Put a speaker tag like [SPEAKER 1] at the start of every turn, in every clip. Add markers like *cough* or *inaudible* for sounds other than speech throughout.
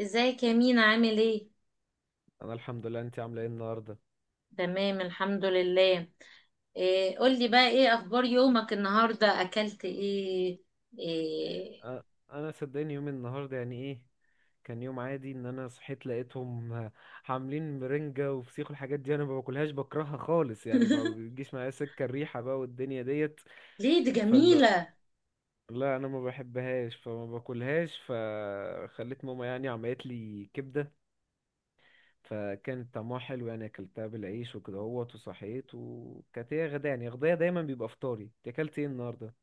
[SPEAKER 1] ازيك يا مينا؟ عامل ايه؟
[SPEAKER 2] انا الحمد لله، انت عامله ايه النهارده؟
[SPEAKER 1] تمام الحمد لله. إيه قولي بقى، ايه اخبار يومك النهارده؟ اكلت ايه؟ إيه؟
[SPEAKER 2] أ- انا صدقني يوم النهارده يعني ايه، كان يوم عادي. ان انا صحيت لقيتهم عاملين مرنجة وفسيخ والحاجات دي. انا ما باكلهاش، بكرهها خالص، يعني ما
[SPEAKER 1] *laughs*
[SPEAKER 2] بتجيش معايا سكه الريحه بقى والدنيا ديت.
[SPEAKER 1] ليه؟ دي
[SPEAKER 2] فلا
[SPEAKER 1] جميله.
[SPEAKER 2] لا انا ما بحبهاش فما باكلهاش، فخليت ماما يعني عملت لي كبده، فكانت طعمها حلو يعني. اكلتها بالعيش وكده اهوت وصحيت، وكانت هي غدا يعني، غدايا دايما بيبقى فطاري. أنت اكلت ايه النهارده؟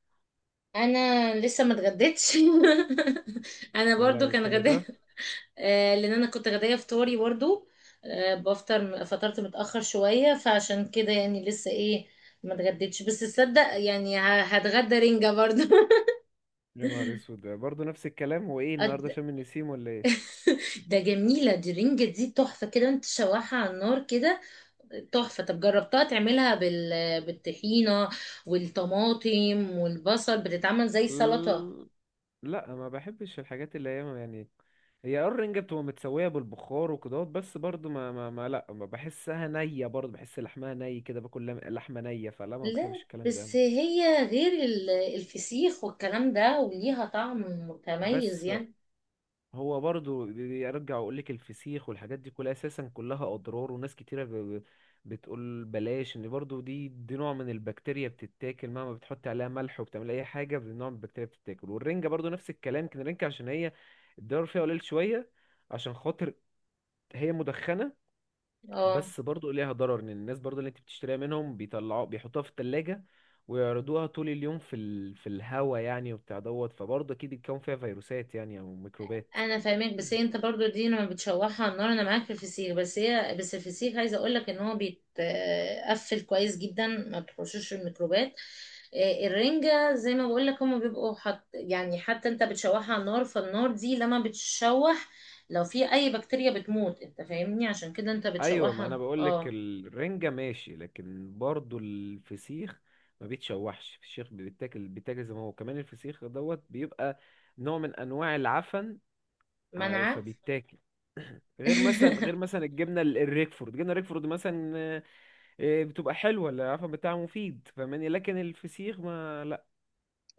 [SPEAKER 1] انا لسه ما اتغديتش. *laughs* انا
[SPEAKER 2] يا
[SPEAKER 1] برضو
[SPEAKER 2] لهوي
[SPEAKER 1] كان
[SPEAKER 2] كل
[SPEAKER 1] غداء.
[SPEAKER 2] ده؟
[SPEAKER 1] آه لان انا كنت غدايه فطاري برضو. آه بفطر، فطرت متاخر شويه فعشان كده يعني لسه ايه، ما اتغديتش. بس تصدق يعني هتغدى رنجه برضو. *laughs*
[SPEAKER 2] يا نهار اسود، ده برضه نفس الكلام، هو ايه النهارده
[SPEAKER 1] أت-
[SPEAKER 2] شم النسيم ولا ايه؟
[SPEAKER 1] ده جميلة، دي رنجة دي تحفة كده، انت شواحة على النار كده. تحفة. طب جربتها تعملها بالطحينة والطماطم والبصل، بتتعمل زي سلطة.
[SPEAKER 2] مم، لا ما بحبش الحاجات اللي هي يعني، هي آه الرنجة بتبقى متسوية بالبخار وكده، بس برضه ما لا، ما بحسها نية، برضه بحس لحمها ني كده، باكل لحمة نية، فلا ما
[SPEAKER 1] لا
[SPEAKER 2] بحبش الكلام ده.
[SPEAKER 1] بس هي غير الفسيخ والكلام ده، وليها طعم
[SPEAKER 2] بس
[SPEAKER 1] متميز يعني.
[SPEAKER 2] هو برضو بيرجع ويقول لك الفسيخ والحاجات دي كلها اساسا كلها اضرار، وناس كتيره بتقول بلاش، ان برضو دي نوع من البكتيريا بتتاكل، مهما بتحط عليها ملح وبتعمل اي حاجه، نوع من البكتيريا بتتاكل. والرنجه برضو نفس الكلام، كان الرنجه عشان هي الضرر فيها قليل شويه، عشان خاطر هي مدخنه.
[SPEAKER 1] اه
[SPEAKER 2] بس برضو ليها ضرر، ان الناس برضو اللي انت بتشتريها منهم بيطلعوا بيحطوها في التلاجة ويعرضوها طول اليوم في ال... في الهوا يعني وبتاع دوت، فبرضه اكيد الكون فيها فيروسات يعني او ميكروبات.
[SPEAKER 1] انا فاهمك، بس هي انت برضو دي لما بتشوحها على النار. انا معاك في الفسيخ بس هي، بس الفسيخ عايزه اقول لك ان هو بيتقفل كويس جدا، ما بتخشوش الميكروبات. آه، الرنجه زي ما بقول لك هما بيبقوا حط يعني، حتى انت بتشوحها على النار، فالنار دي لما بتشوح لو في اي بكتيريا بتموت، انت فاهمني؟ عشان كده انت
[SPEAKER 2] ايوه، ما انا
[SPEAKER 1] بتشوحها.
[SPEAKER 2] بقول لك
[SPEAKER 1] اه.
[SPEAKER 2] الرنجة ماشي، لكن برضو الفسيخ ما بيتشوحش، الفسيخ بيتاكل، بيتاكل زي ما هو، كمان الفسيخ دوت بيبقى نوع من انواع العفن،
[SPEAKER 1] منعه.
[SPEAKER 2] فبيتاكل. غير مثلا، غير
[SPEAKER 1] *laughs*
[SPEAKER 2] مثلا الجبنه الريكفورد، الجبنه الريكفورد مثلا آه، آه، بتبقى حلوه، العفن بتاعها مفيد، فاهماني، لكن الفسيخ ما لا.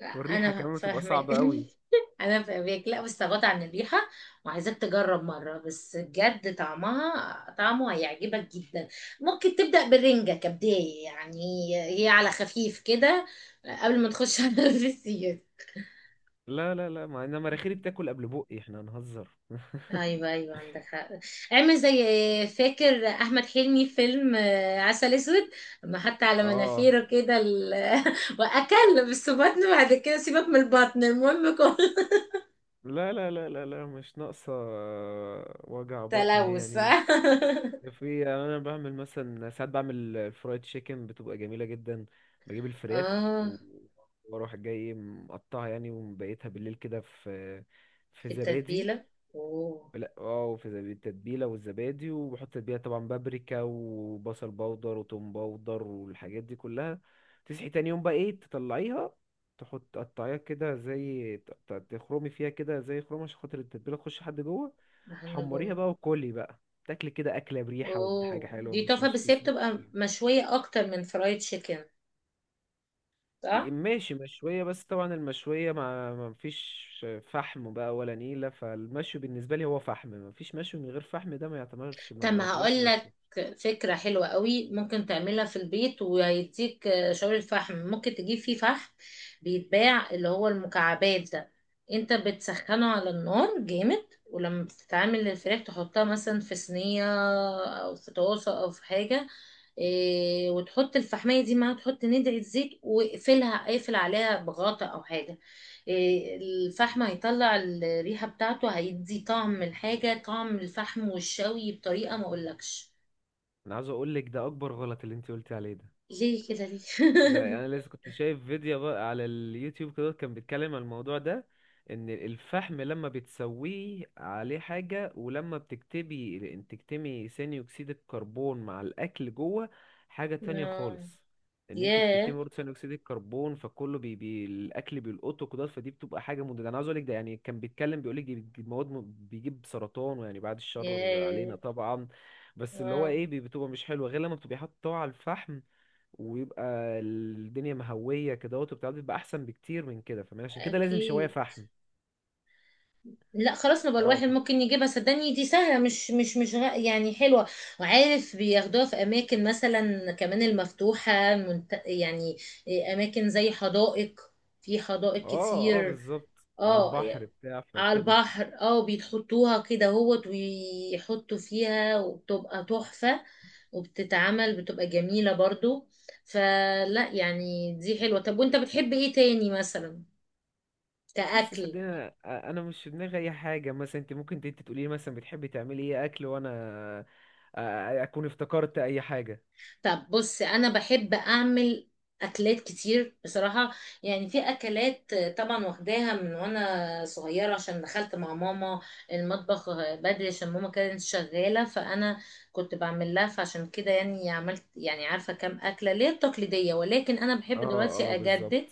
[SPEAKER 1] لا
[SPEAKER 2] والريحه
[SPEAKER 1] انا
[SPEAKER 2] كمان بتبقى
[SPEAKER 1] فاهمك.
[SPEAKER 2] صعبه قوي.
[SPEAKER 1] *laughs* انا فاهمك. لا بس غطى عن الريحه، وعايزاك تجرب مره بس بجد، طعمها طعمه هيعجبك جدا. ممكن تبدا بالرنجه كبدايه يعني، هي على خفيف كده، قبل ما تخش *laughs* على الفسيخ.
[SPEAKER 2] لا لا لا، ما انا مناخيري بتاكل قبل بقي، احنا هنهزر *laughs*
[SPEAKER 1] ايوه ايوه، عندك حق. اعمل زي، فاكر احمد حلمي في فيلم آه، عسل اسود؟ ما حتى على
[SPEAKER 2] اه،
[SPEAKER 1] مناخيره كده *laughs* واكل. بس بطنه بعد كده سيبك من البطن، المهم كل.
[SPEAKER 2] لا لا لا لا لا، مش ناقصة آه، وجع
[SPEAKER 1] *laughs*
[SPEAKER 2] بطن هي
[SPEAKER 1] تلوث.
[SPEAKER 2] يعني.
[SPEAKER 1] *laughs*
[SPEAKER 2] في يعني أنا بعمل مثلا، ساعات بعمل الفرايد تشيكن بتبقى جميلة جدا. بجيب الفراخ
[SPEAKER 1] اه،
[SPEAKER 2] وأروح جاي مقطعها يعني، ومبيتها بالليل كده في في
[SPEAKER 1] في
[SPEAKER 2] زبادي.
[SPEAKER 1] التتبيلة. اوه.
[SPEAKER 2] لا اه في التتبيله والزبادي، وبحط تتبيله طبعا بابريكا وبصل باودر وتوم باودر والحاجات دي كلها. تصحي تاني يوم بقى ايه، تطلعيها، تحط تقطعيها كده زي تخرمي فيها كده زي خرومه، عشان خاطر التتبيله تخش لحد جوه.
[SPEAKER 1] محل
[SPEAKER 2] تحمريها
[SPEAKER 1] جون.
[SPEAKER 2] بقى، وكلي بقى، تاكلي كده اكله بريحه، ودي حاجه
[SPEAKER 1] اوه
[SPEAKER 2] حلوه،
[SPEAKER 1] دي
[SPEAKER 2] مش
[SPEAKER 1] تحفة،
[SPEAKER 2] مش
[SPEAKER 1] بس هي
[SPEAKER 2] فسيخ.
[SPEAKER 1] بتبقى مشوية اكتر من فرايد تشيكن،
[SPEAKER 2] إيه،
[SPEAKER 1] صح؟
[SPEAKER 2] ماشي مشوية، بس طبعا المشوية ما فيش فحم بقى ولا نيلة، فالمشوي بالنسبة لي هو فحم، ما فيش مشوي من غير فحم، ده ما يعتبرش،
[SPEAKER 1] طب
[SPEAKER 2] ما
[SPEAKER 1] ما
[SPEAKER 2] يعتبرش
[SPEAKER 1] هقول
[SPEAKER 2] مشوي.
[SPEAKER 1] لك فكرة حلوة قوي، ممكن تعملها في البيت وهيديك آه، شاور الفحم. ممكن تجيب فيه فحم، بيتباع اللي هو المكعبات ده. انت بتسخنه على النار جامد، ولما بتتعمل الفراخ تحطها مثلا في صينية او في طاسة او في حاجة، إيه، وتحط الفحمية دي معاها، تحط ندعي زيت واقفلها، اقفل عليها بغطا او حاجة. إيه، الفحم هيطلع الريحة بتاعته، هيدي طعم الحاجة طعم الفحم والشوي بطريقة ما اقولكش.
[SPEAKER 2] انا عاوز اقول لك ده اكبر غلط، اللي انت قلتي عليه ده،
[SPEAKER 1] ليه كده
[SPEAKER 2] ده
[SPEAKER 1] ليه؟
[SPEAKER 2] انا لسه كنت شايف فيديو بقى على اليوتيوب كده، كان بيتكلم عن الموضوع ده، ان الفحم لما بتسويه عليه حاجة ولما بتكتبي، ان تكتمي ثاني اكسيد الكربون مع الاكل جوه، حاجة
[SPEAKER 1] *laughs*
[SPEAKER 2] تانية
[SPEAKER 1] آه،
[SPEAKER 2] خالص. ان انت بتكتمي
[SPEAKER 1] ياه،
[SPEAKER 2] برضه ثاني اكسيد الكربون، فكله بي الاكل بيلقطه كده، فدي بتبقى حاجة مضره. انا عاوز اقول لك ده، يعني كان بيتكلم بيقول لك دي بتجيب مواد بيجيب سرطان، ويعني بعد الشر
[SPEAKER 1] ياه.
[SPEAKER 2] علينا طبعا. بس اللي هو
[SPEAKER 1] اه.
[SPEAKER 2] ايه بتبقى مش حلوه غير لما بتبقي حاطه على الفحم، ويبقى الدنيا مهوية كده وبتاع، بيبقى أحسن بكتير من كده، فاهماني، عشان كده لازم شواية
[SPEAKER 1] اكيد.
[SPEAKER 2] فحم.
[SPEAKER 1] لا خلاص، نبقى
[SPEAKER 2] اه
[SPEAKER 1] الواحد ممكن يجيبها، صدقني دي سهلة، مش مش يعني حلوة. وعارف بياخدوها في أماكن مثلا كمان المفتوحة يعني إيه، أماكن زي حدائق. في حدائق
[SPEAKER 2] اه اه
[SPEAKER 1] كتير.
[SPEAKER 2] بالظبط، على
[SPEAKER 1] اه
[SPEAKER 2] البحر بتاع
[SPEAKER 1] على
[SPEAKER 2] فكده.
[SPEAKER 1] البحر. اه بيتحطوها كده هوت، ويحطوا فيها وبتبقى تحفة، وبتتعمل بتبقى جميلة برضو. فلا يعني دي حلوة. طب وانت بتحب ايه تاني مثلا
[SPEAKER 2] بص
[SPEAKER 1] كأكل؟
[SPEAKER 2] صدقني انا، أنا مش في دماغي اي حاجه، مثلا انت ممكن انت تقولي لي مثلا بتحبي تعملي ايه اكل، وانا أ- اكون افتكرت اي حاجه.
[SPEAKER 1] طب بص، انا بحب اعمل اكلات كتير بصراحه. يعني في اكلات طبعا واخداها من وانا صغيره، عشان دخلت مع ماما المطبخ بدري، عشان ماما كانت شغاله، فانا كنت بعمل لها. فعشان كده يعني عملت، يعني عارفه كام اكله ليه التقليديه، ولكن انا
[SPEAKER 2] اه
[SPEAKER 1] بحب دلوقتي
[SPEAKER 2] اه بالظبط.
[SPEAKER 1] اجدد،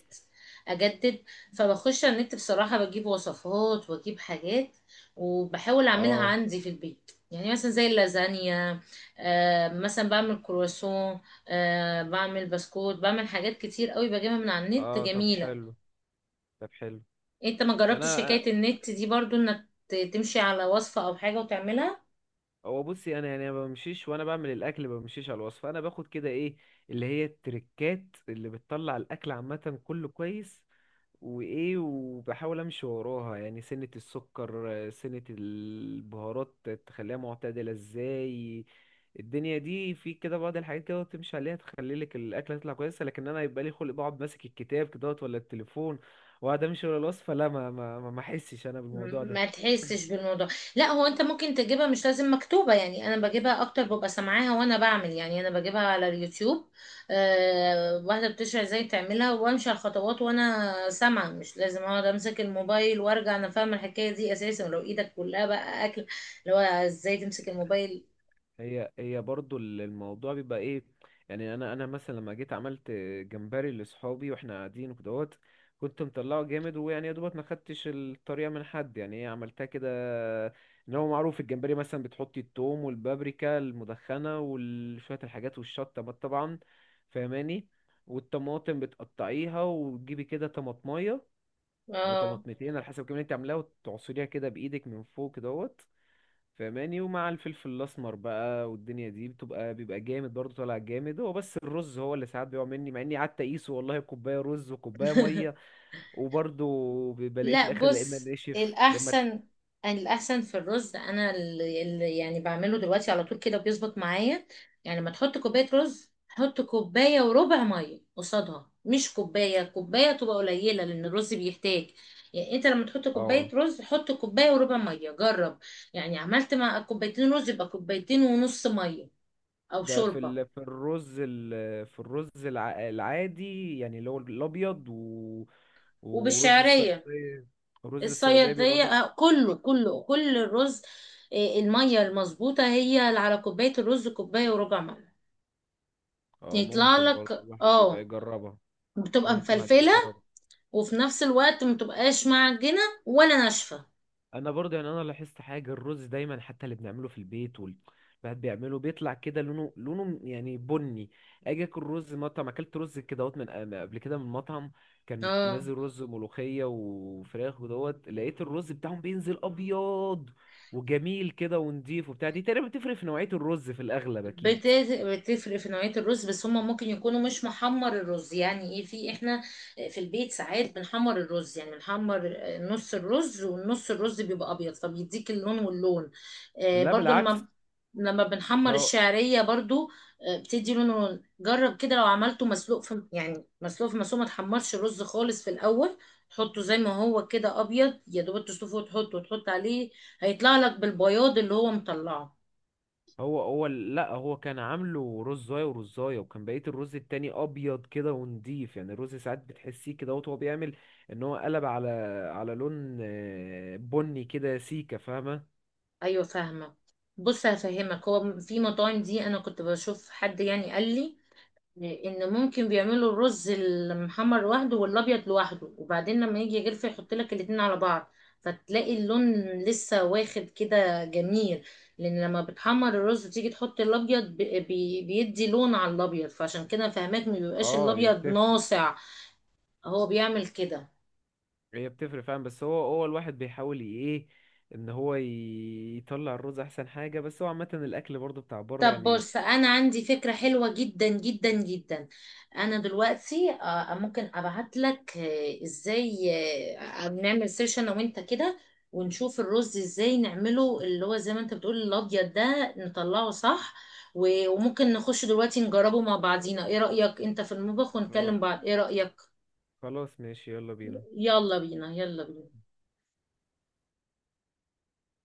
[SPEAKER 1] اجدد. فبخش على النت بصراحه، بجيب وصفات واجيب حاجات وبحاول اعملها
[SPEAKER 2] اه
[SPEAKER 1] عندي في البيت، يعني مثلا زي اللازانيا. آه، مثلا بعمل كرواسون، آه، بعمل بسكوت، بعمل حاجات كتير قوي بجيبها من على النت
[SPEAKER 2] اه طب
[SPEAKER 1] جميلة.
[SPEAKER 2] حلو، طب حلو.
[SPEAKER 1] انت ما جربتش
[SPEAKER 2] انا
[SPEAKER 1] حكاية النت دي برضو؟ انك تمشي على وصفة او حاجة وتعملها؟
[SPEAKER 2] هو بصي، انا يعني ما بمشيش وانا بعمل الاكل، ما بمشيش على الوصفه، انا باخد كده ايه، اللي هي التركات اللي بتطلع الاكل عامه كله كويس، وايه وبحاول امشي وراها، يعني سنه السكر آه، سنه البهارات تخليها معتدله ازاي، الدنيا دي، في كده بعض الحاجات كده تمشي عليها تخلي لك الاكله تطلع كويسه. لكن انا يبقى لي خلق بقعد ماسك الكتاب كده ولا التليفون واقعد امشي ورا الوصفه؟ لا ما احسش انا بالموضوع
[SPEAKER 1] ما
[SPEAKER 2] ده.
[SPEAKER 1] تحسش بالموضوع؟ لا هو انت ممكن تجيبها مش لازم مكتوبة. يعني انا بجيبها اكتر ببقى سامعاها وانا بعمل، يعني انا بجيبها على اليوتيوب. أه واحدة بتشرح ازاي تعملها، وامشي على الخطوات وانا سامعة، مش لازم اقعد امسك الموبايل. وارجع انا فاهمة الحكاية دي اساسا، ولو ايدك كلها بقى اكل، اللي هو ازاي تمسك الموبايل؟
[SPEAKER 2] هي برضو الموضوع بيبقى ايه، يعني انا مثلا لما جيت عملت جمبري لاصحابي، واحنا قاعدين وكدهوت، كنت مطلعه جامد، ويعني يا دوبك ما خدتش الطريقه من حد يعني، ايه، عملتها كده. ان هو معروف الجمبري مثلا بتحطي التوم والبابريكا المدخنه وشويه الحاجات والشطه بقى طبعا، فاهماني. والطماطم بتقطعيها وتجيبي كده طماطميه او
[SPEAKER 1] اه.
[SPEAKER 2] طماطمتين على حسب، كمان انت عاملاها وتعصريها كده بايدك من فوق كدهوت، فماني، ومع الفلفل الاسمر بقى، والدنيا دي بتبقى بيبقى جامد برضه طالع جامد. هو بس الرز هو اللي ساعات بيقع مني، مع اني قعدت اقيسه والله، كوبايه رز وكوبايه ميه،
[SPEAKER 1] *laughs*
[SPEAKER 2] وبرضه بلاقيه في
[SPEAKER 1] لا
[SPEAKER 2] الاخر لا اما
[SPEAKER 1] بص،
[SPEAKER 2] ناشف لا اما.
[SPEAKER 1] الأحسن الأحسن في الرز، أنا اللي يعني بعمله دلوقتي على طول كده بيظبط معايا. يعني لما تحط كوباية رز، حط كوباية وربع مية قصادها، مش كوباية كوباية، تبقى قليلة لأن الرز بيحتاج. يعني أنت لما تحط
[SPEAKER 2] اه،
[SPEAKER 1] كوباية رز، حط كوباية وربع مية، جرب. يعني عملت مع كوبايتين رز، يبقى كوبايتين ونص مية أو
[SPEAKER 2] ده في
[SPEAKER 1] شوربة.
[SPEAKER 2] ال... في الرز ال... في الرز العادي يعني، اللي هو الابيض و... ورز
[SPEAKER 1] وبالشعرية
[SPEAKER 2] الصياديه. رز الصياديه بيبقى
[SPEAKER 1] الصيادية
[SPEAKER 2] برضه
[SPEAKER 1] آه، كله كله كل الرز آه، المية المظبوطة هي اللي على كوباية الرز كوباية وربع مية.
[SPEAKER 2] اه،
[SPEAKER 1] يطلع
[SPEAKER 2] ممكن برضه
[SPEAKER 1] لك
[SPEAKER 2] الواحد يبقى
[SPEAKER 1] اه،
[SPEAKER 2] يجربها، او
[SPEAKER 1] بتبقى
[SPEAKER 2] ممكن الواحد يبقى
[SPEAKER 1] مفلفلة
[SPEAKER 2] يجربها.
[SPEAKER 1] وفي نفس الوقت متبقاش معجنة ولا ناشفة.
[SPEAKER 2] انا برضه يعني انا لاحظت حاجه، الرز دايما حتى اللي بنعمله في البيت وال الواحد بيعمله بيطلع كده لونه لونه يعني بني. اجي اكل رز مطعم، اكلت رز كده اهوت من قبل كده من مطعم، كان
[SPEAKER 1] اه
[SPEAKER 2] نازل رز ملوخيه وفراخ ودوت، لقيت الرز بتاعهم بينزل ابيض وجميل كده ونضيف وبتاع، دي تقريبا بتفرق في نوعيه الرز في الاغلب
[SPEAKER 1] بت-
[SPEAKER 2] اكيد.
[SPEAKER 1] بتفرق في نوعية الرز، بس هما ممكن يكونوا مش محمر الرز. يعني ايه؟ في احنا في البيت ساعات بنحمر الرز، يعني بنحمر نص الرز والنص الرز بيبقى ابيض، فبيديك اللون واللون. آه
[SPEAKER 2] لا
[SPEAKER 1] برضو
[SPEAKER 2] بالعكس،
[SPEAKER 1] لما بنحمر الشعرية برضو آه، بتدي لون ولون. جرب كده لو عملته مسلوق، في يعني مسلوق، في مسلوق ما تحمرش الرز خالص في الاول، تحطه زي ما هو كده ابيض، يا دوب تسلقه وتحطه وتحط عليه. هيطلع لك بالبياض اللي هو مطلعه.
[SPEAKER 2] هو لا، هو كان عامله رزاية ورزاية، وكان بقية الرز التاني أبيض كده ونضيف، يعني الرز ساعات بتحسيه كده وهو بيعمل، إن هو قلب على على لون آه، بني كده سيكة، فاهمة.
[SPEAKER 1] ايوه فاهمه. بص هفهمك، هو في مطاعم دي انا كنت بشوف حد يعني قال لي ان ممكن بيعملوا الرز المحمر لوحده والابيض لوحده، وبعدين لما يجي يغلف يحط لك الاتنين على بعض، فتلاقي اللون لسه واخد كده جميل. لان لما بتحمر الرز وتيجي تحط الابيض بيدي لون على الابيض، فعشان كده فهماك ما بيبقاش
[SPEAKER 2] اه هي
[SPEAKER 1] الابيض
[SPEAKER 2] بتفرق.
[SPEAKER 1] ناصع. هو بيعمل كده.
[SPEAKER 2] هي بتفرق فاهم، بس هو الواحد بيحاول ايه، ان هو يطلع الرز احسن حاجة، بس هو عامة الاكل برضو بتاع بره
[SPEAKER 1] طب
[SPEAKER 2] يعني.
[SPEAKER 1] بص انا عندي فكرة حلوة جدا جدا جدا. انا دلوقتي آه، ممكن ابعت لك آه، ازاي، آه، نعمل سيرش انا وانت كده، ونشوف الرز ازاي نعمله اللي هو زي ما انت بتقول، الابيض ده نطلعه صح. وممكن نخش دلوقتي نجربه مع بعضينا، ايه رأيك؟ انت في المطبخ ونكلم
[SPEAKER 2] آه،
[SPEAKER 1] بعض، ايه رأيك؟
[SPEAKER 2] خلاص ماشي، يلا بينا.
[SPEAKER 1] يلا بينا. يلا بينا.